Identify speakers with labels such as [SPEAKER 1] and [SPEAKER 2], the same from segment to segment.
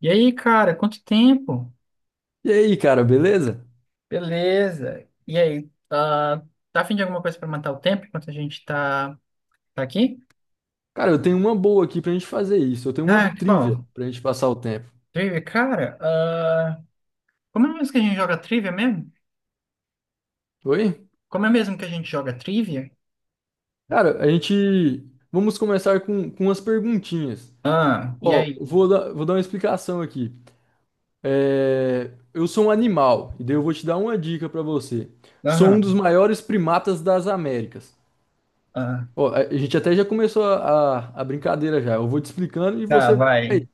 [SPEAKER 1] E aí, cara, quanto tempo?
[SPEAKER 2] E aí, cara, beleza?
[SPEAKER 1] Beleza. E aí, tá a fim de alguma coisa pra matar o tempo enquanto a gente tá aqui?
[SPEAKER 2] Cara, eu tenho uma boa aqui pra gente fazer isso. Eu tenho uma
[SPEAKER 1] Ah,
[SPEAKER 2] trivia
[SPEAKER 1] qual?
[SPEAKER 2] pra gente passar o tempo.
[SPEAKER 1] Trivia, cara, como é mesmo que a gente joga trivia mesmo?
[SPEAKER 2] Oi?
[SPEAKER 1] Como é mesmo que a gente joga trivia?
[SPEAKER 2] Cara, a gente. Vamos começar com umas perguntinhas.
[SPEAKER 1] Ah, e
[SPEAKER 2] Ó,
[SPEAKER 1] aí?
[SPEAKER 2] vou dar uma explicação aqui. É, eu sou um animal, e daí eu vou te dar uma dica pra você. Sou um dos
[SPEAKER 1] Aham,
[SPEAKER 2] maiores primatas das Américas.
[SPEAKER 1] ah,
[SPEAKER 2] Ó, a gente até já começou a brincadeira já. Eu vou te explicando e
[SPEAKER 1] tá,
[SPEAKER 2] você,
[SPEAKER 1] vai.
[SPEAKER 2] aí,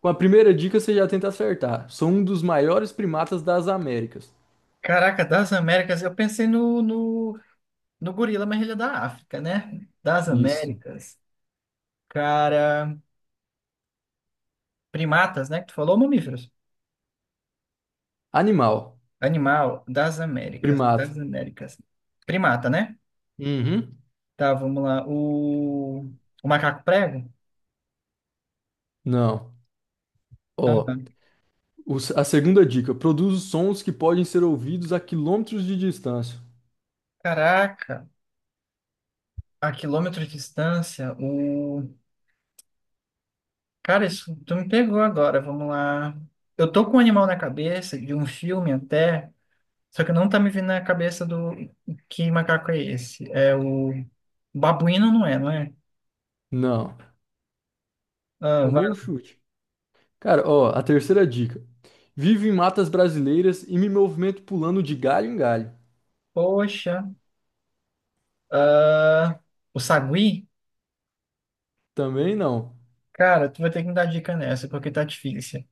[SPEAKER 2] com a primeira dica você já tenta acertar. Sou um dos maiores primatas das Américas.
[SPEAKER 1] Caraca, das Américas, eu pensei no, no gorila, mas ele é da África, né? Das
[SPEAKER 2] Isso.
[SPEAKER 1] Américas. Cara, primatas, né, que tu falou, mamíferos?
[SPEAKER 2] Animal.
[SPEAKER 1] Animal das Américas. Das
[SPEAKER 2] Primata.
[SPEAKER 1] Américas. Primata, né?
[SPEAKER 2] Uhum.
[SPEAKER 1] Tá, vamos lá. O macaco prego?
[SPEAKER 2] Não.
[SPEAKER 1] Ah,
[SPEAKER 2] Ó, o a segunda dica. Produz sons que podem ser ouvidos a quilômetros de distância.
[SPEAKER 1] caraca, a quilômetros de distância, o. Cara, isso tu me pegou agora, vamos lá. Eu tô com um animal na cabeça, de um filme até, só que não tá me vindo na cabeça do. Que macaco é esse? É o. Babuíno não é, não é?
[SPEAKER 2] Não.
[SPEAKER 1] Ah,
[SPEAKER 2] Um
[SPEAKER 1] vai.
[SPEAKER 2] bom chute. Cara, ó, a terceira dica. Vivo em matas brasileiras e me movimento pulando de galho em galho.
[SPEAKER 1] Poxa. Ah, o sagui?
[SPEAKER 2] Também não.
[SPEAKER 1] Cara, tu vai ter que me dar dica nessa, porque tá difícil.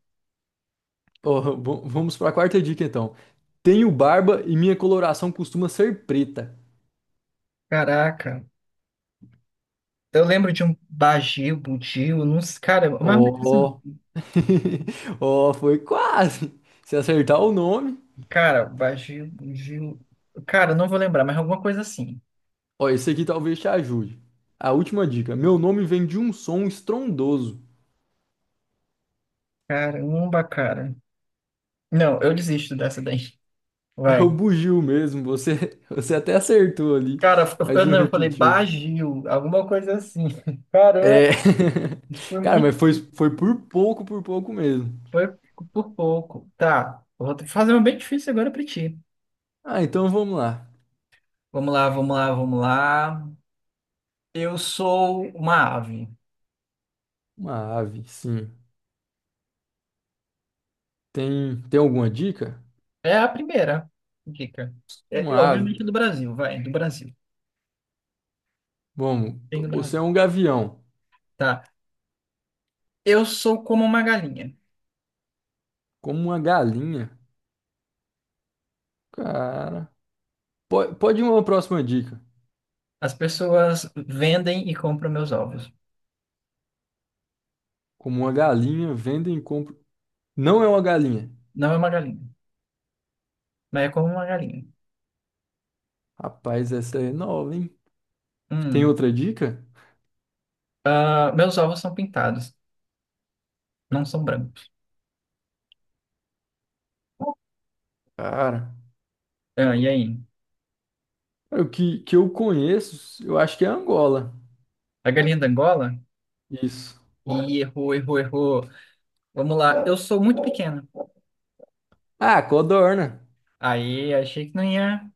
[SPEAKER 2] Ó, vamos para a quarta dica então. Tenho barba e minha coloração costuma ser preta.
[SPEAKER 1] Caraca. Eu lembro de um Bagio, Budio, não sei, cara, mas,
[SPEAKER 2] Ó,
[SPEAKER 1] assim,
[SPEAKER 2] ó, foi quase. Se acertar o nome.
[SPEAKER 1] cara, Bagio, Budio, cara, eu não vou lembrar, mas alguma coisa assim.
[SPEAKER 2] Ó, esse aqui talvez te ajude. A última dica. Meu nome vem de um som estrondoso.
[SPEAKER 1] Caramba, cara. Não, eu desisto dessa daí.
[SPEAKER 2] É
[SPEAKER 1] Vai.
[SPEAKER 2] o bugio mesmo. Você, você até acertou ali,
[SPEAKER 1] Cara, eu,
[SPEAKER 2] mas
[SPEAKER 1] eu
[SPEAKER 2] não
[SPEAKER 1] não, eu falei
[SPEAKER 2] repetiu.
[SPEAKER 1] Bagio, alguma coisa assim. Caramba,
[SPEAKER 2] É.
[SPEAKER 1] isso foi
[SPEAKER 2] Cara,
[SPEAKER 1] muito,
[SPEAKER 2] mas foi por pouco mesmo.
[SPEAKER 1] foi por pouco. Tá, eu vou fazer uma bem difícil agora pra ti.
[SPEAKER 2] Ah, então vamos lá.
[SPEAKER 1] Vamos lá, vamos lá, vamos lá. Eu sou uma ave.
[SPEAKER 2] Uma ave, sim. Tem alguma dica?
[SPEAKER 1] É a primeira dica. É,
[SPEAKER 2] Uma
[SPEAKER 1] é, obviamente
[SPEAKER 2] ave.
[SPEAKER 1] do Brasil, vai, do Brasil.
[SPEAKER 2] Vamos,
[SPEAKER 1] Tem do Brasil.
[SPEAKER 2] você é um gavião.
[SPEAKER 1] Tá. Eu sou como uma galinha.
[SPEAKER 2] Como uma galinha. Cara. Pode ir uma próxima dica.
[SPEAKER 1] As pessoas vendem e compram meus ovos.
[SPEAKER 2] Como uma galinha, vendem e compram. Não é uma galinha.
[SPEAKER 1] Não é uma galinha, mas é como uma galinha.
[SPEAKER 2] Rapaz, essa é nova, hein? Tem
[SPEAKER 1] Hum.
[SPEAKER 2] outra dica?
[SPEAKER 1] Ah, meus ovos são pintados, não são brancos.
[SPEAKER 2] Cara,
[SPEAKER 1] Ah, e aí?
[SPEAKER 2] cara, o que, que eu conheço, eu acho que é Angola.
[SPEAKER 1] A galinha da Angola?
[SPEAKER 2] Isso.
[SPEAKER 1] Ih, errou, errou, errou. Vamos lá. Eu sou muito pequena.
[SPEAKER 2] Ah, codorna.
[SPEAKER 1] Aí, achei que não ia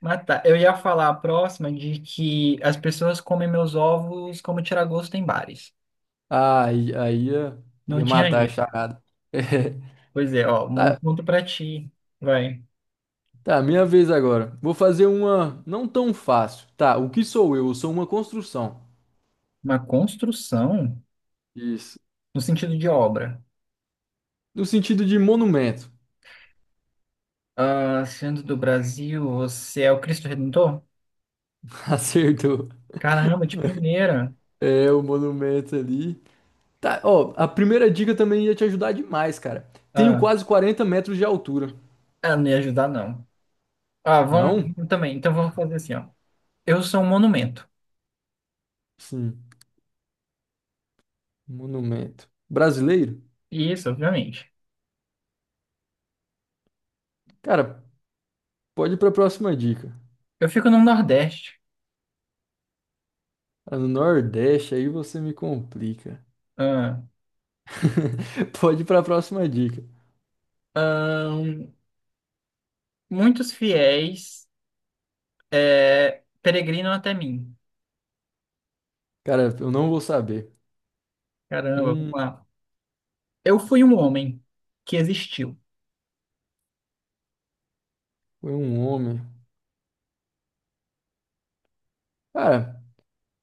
[SPEAKER 1] matar. Eu ia falar a próxima de que as pessoas comem meus ovos como tiragosto em bares.
[SPEAKER 2] Ah, aí ia,
[SPEAKER 1] Não
[SPEAKER 2] ia
[SPEAKER 1] tinha
[SPEAKER 2] matar a
[SPEAKER 1] ainda.
[SPEAKER 2] charada. É,
[SPEAKER 1] Pois é, ó, um
[SPEAKER 2] tá,
[SPEAKER 1] ponto para ti. Vai.
[SPEAKER 2] tá, minha vez agora. Vou fazer uma não tão fácil. Tá, o que sou eu? Eu sou uma construção.
[SPEAKER 1] Uma construção
[SPEAKER 2] Isso.
[SPEAKER 1] no sentido de obra.
[SPEAKER 2] No sentido de monumento.
[SPEAKER 1] Ah, sendo do Brasil, você é o Cristo Redentor?
[SPEAKER 2] Acertou.
[SPEAKER 1] Caramba, de primeira.
[SPEAKER 2] É, o monumento ali. Tá, ó, a primeira dica também ia te ajudar demais, cara. Tenho
[SPEAKER 1] Ah,
[SPEAKER 2] quase 40 metros de altura.
[SPEAKER 1] ah, não ia ajudar, não. Ah,
[SPEAKER 2] Não?
[SPEAKER 1] vamos também. Então vamos fazer assim, ó. Eu sou um monumento.
[SPEAKER 2] Sim, monumento. Brasileiro?
[SPEAKER 1] Isso, obviamente.
[SPEAKER 2] Cara, pode ir para a próxima dica.
[SPEAKER 1] Eu fico no Nordeste.
[SPEAKER 2] Ah, no Nordeste aí você me complica.
[SPEAKER 1] Ah,
[SPEAKER 2] Pode ir para a próxima dica.
[SPEAKER 1] ahn, muitos fiéis peregrinam até mim.
[SPEAKER 2] Cara, eu não vou saber.
[SPEAKER 1] Caramba, vamos
[SPEAKER 2] Hum,
[SPEAKER 1] lá. Eu fui um homem que existiu.
[SPEAKER 2] foi um homem. Cara,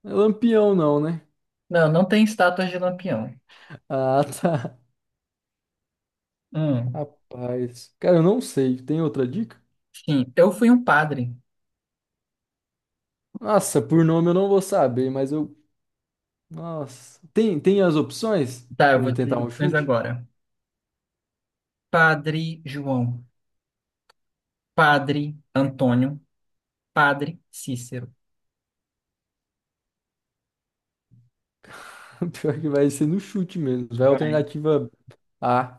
[SPEAKER 2] não é Lampião não, né?
[SPEAKER 1] Não, não tem estátuas de Lampião.
[SPEAKER 2] Ah, tá.
[SPEAKER 1] Hum,
[SPEAKER 2] Rapaz. Cara, eu não sei. Tem outra dica?
[SPEAKER 1] sim, eu fui um padre.
[SPEAKER 2] Nossa, por nome eu não vou saber, mas eu. Nossa. Tem as opções
[SPEAKER 1] Tá, eu
[SPEAKER 2] para mim
[SPEAKER 1] vou te
[SPEAKER 2] tentar
[SPEAKER 1] dizer
[SPEAKER 2] um
[SPEAKER 1] opções
[SPEAKER 2] chute?
[SPEAKER 1] agora. Padre João, Padre Antônio, Padre Cícero.
[SPEAKER 2] Pior que vai ser no chute mesmo. Vai
[SPEAKER 1] Vai.
[SPEAKER 2] alternativa A.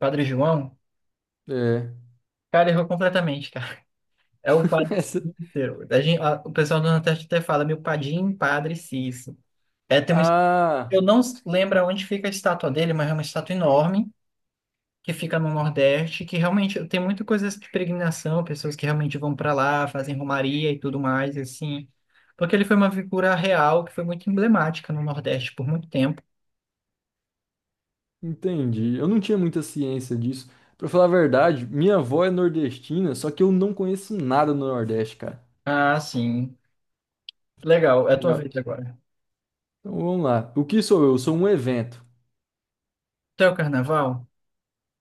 [SPEAKER 1] Padre João?
[SPEAKER 2] É.
[SPEAKER 1] Cara, errou completamente, cara. É o Padre
[SPEAKER 2] Essa-
[SPEAKER 1] Cícero. A gente, a- o pessoal do Nordeste até fala, meu padim, Padre Cícero. É, tem um,
[SPEAKER 2] Ah,
[SPEAKER 1] eu não lembro onde fica a estátua dele, mas é uma estátua enorme. Que fica no Nordeste, que realmente tem muita coisa de peregrinação, pessoas que realmente vão para lá, fazem romaria e tudo mais, assim. Porque ele foi uma figura real que foi muito emblemática no Nordeste por muito tempo.
[SPEAKER 2] entendi. Eu não tinha muita ciência disso. Pra falar a verdade, minha avó é nordestina, só que eu não conheço nada no Nordeste, cara.
[SPEAKER 1] Ah, sim. Legal, é a tua
[SPEAKER 2] Minha-
[SPEAKER 1] vez agora.
[SPEAKER 2] Então vamos lá. O que sou eu? Eu sou um evento.
[SPEAKER 1] Até o carnaval?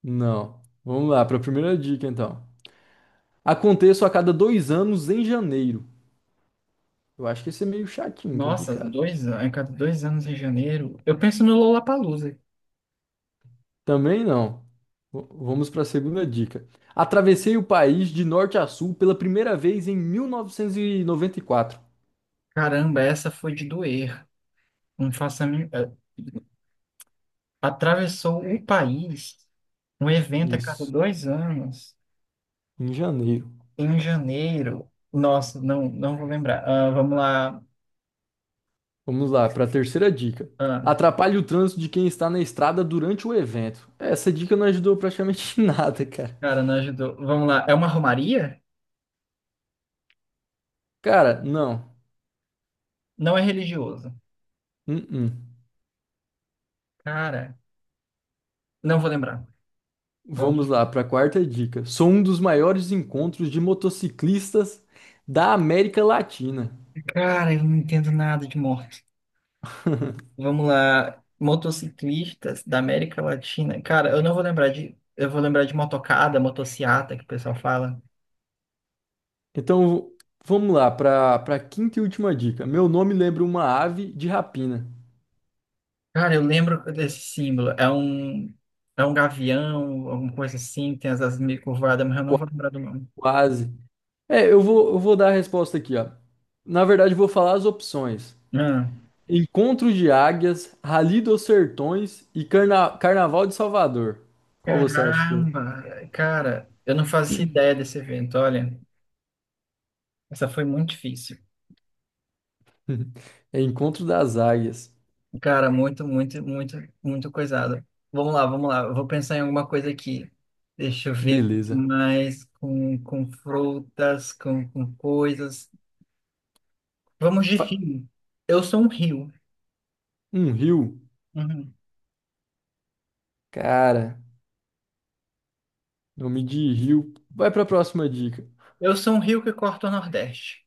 [SPEAKER 2] Não. Vamos lá, pra primeira dica então. Aconteço a cada 2 anos em janeiro. Eu acho que esse é meio chatinho,
[SPEAKER 1] Nossa,
[SPEAKER 2] complicado.
[SPEAKER 1] dois, an- a cada dois anos em janeiro. Eu penso no Lollapalooza.
[SPEAKER 2] Também não. Vamos pra segunda dica. Atravessei o país de norte a sul pela primeira vez em 1994.
[SPEAKER 1] Caramba, essa foi de doer. Não faço a mim- atravessou o país. Um evento a cada
[SPEAKER 2] Isso,
[SPEAKER 1] dois anos.
[SPEAKER 2] em janeiro.
[SPEAKER 1] Em janeiro. Nossa, não vou lembrar. Ah, vamos lá.
[SPEAKER 2] Vamos lá, para a terceira dica.
[SPEAKER 1] Ah,
[SPEAKER 2] Atrapalhe o trânsito de quem está na estrada durante o evento. Essa dica não ajudou praticamente em nada, cara.
[SPEAKER 1] cara, não ajudou. Vamos lá. É uma romaria?
[SPEAKER 2] Cara, não.
[SPEAKER 1] Não é religioso.
[SPEAKER 2] Uh-uh.
[SPEAKER 1] Cara, não vou lembrar.
[SPEAKER 2] Vamos
[SPEAKER 1] Vamos-
[SPEAKER 2] lá, para a quarta dica. Sou um dos maiores encontros de motociclistas da América Latina.
[SPEAKER 1] Cara, eu não entendo nada de morte. Vamos lá. Motociclistas da América Latina. Cara, eu não vou lembrar de. Eu vou lembrar de motocada, motociata, que o pessoal fala.
[SPEAKER 2] Então, vamos lá, para a quinta e última dica. Meu nome lembra uma ave de rapina.
[SPEAKER 1] Cara, eu lembro desse símbolo. É um. É um gavião, alguma coisa assim, tem as asas meio curvadas, mas eu não
[SPEAKER 2] Qua-
[SPEAKER 1] vou lembrar do nome.
[SPEAKER 2] Quase. É, eu vou dar a resposta aqui, ó. Na verdade, eu vou falar as opções.
[SPEAKER 1] Ah.
[SPEAKER 2] Encontro de Águias, Rally dos Sertões e Carnaval de Salvador. Qual você acha que
[SPEAKER 1] Caramba, cara, eu não fazia ideia desse evento, olha, essa foi muito difícil.
[SPEAKER 2] é? É Encontro das Águias.
[SPEAKER 1] Cara, muito coisada. Vamos lá, eu vou pensar em alguma coisa aqui. Deixa eu ver
[SPEAKER 2] Beleza.
[SPEAKER 1] mais com frutas, com coisas. Vamos de
[SPEAKER 2] Fa-
[SPEAKER 1] rio. Eu sou um rio.
[SPEAKER 2] Um rio?
[SPEAKER 1] Uhum.
[SPEAKER 2] Cara, nome de rio. Vai pra próxima dica.
[SPEAKER 1] Eu sou um rio que corta o Nordeste.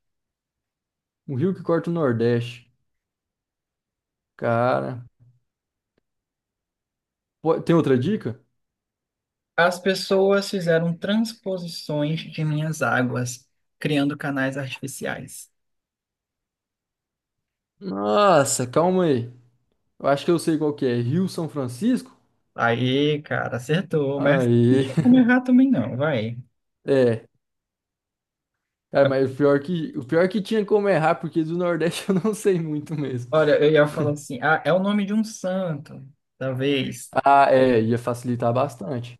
[SPEAKER 2] Um rio que corta o Nordeste. Cara. Tem outra dica?
[SPEAKER 1] As pessoas fizeram transposições de minhas águas, criando canais artificiais.
[SPEAKER 2] Nossa, calma aí. Eu acho que eu sei qual que é. Rio São Francisco?
[SPEAKER 1] Aí, cara, acertou, mas não
[SPEAKER 2] Aí.
[SPEAKER 1] tinha como errar também não, vai.
[SPEAKER 2] É. Cara, mas o pior que tinha como errar, porque do Nordeste eu não sei muito mesmo.
[SPEAKER 1] Olha, eu ia falar assim, ah, é o nome de um santo, talvez.
[SPEAKER 2] Ah, é, ia facilitar bastante.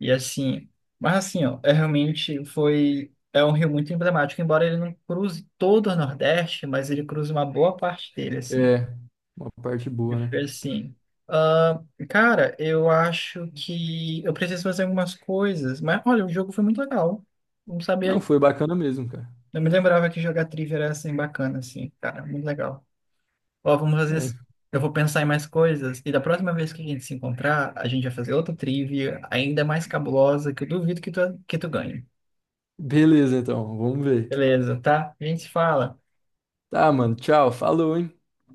[SPEAKER 1] E assim, mas assim, ó, é realmente foi, é um rio muito emblemático, embora ele não cruze todo o Nordeste, mas ele cruza uma boa parte dele, assim.
[SPEAKER 2] É, uma parte
[SPEAKER 1] Eu
[SPEAKER 2] boa, né?
[SPEAKER 1] fiquei assim, ah, cara, eu acho que eu preciso fazer algumas coisas, mas olha, o jogo foi muito legal. Não
[SPEAKER 2] Não,
[SPEAKER 1] sabia,
[SPEAKER 2] foi bacana mesmo, cara.
[SPEAKER 1] não me lembrava que jogar trivia era assim bacana, assim, cara, muito legal. Ó, vamos fazer
[SPEAKER 2] É,
[SPEAKER 1] assim. Eu vou pensar em mais coisas. E da próxima vez que a gente se encontrar, a gente vai fazer outra trivia ainda mais cabulosa que eu duvido que tu ganhe.
[SPEAKER 2] beleza, então, vamos ver.
[SPEAKER 1] Beleza, tá? A gente se fala.
[SPEAKER 2] Tá, mano, tchau, falou, hein?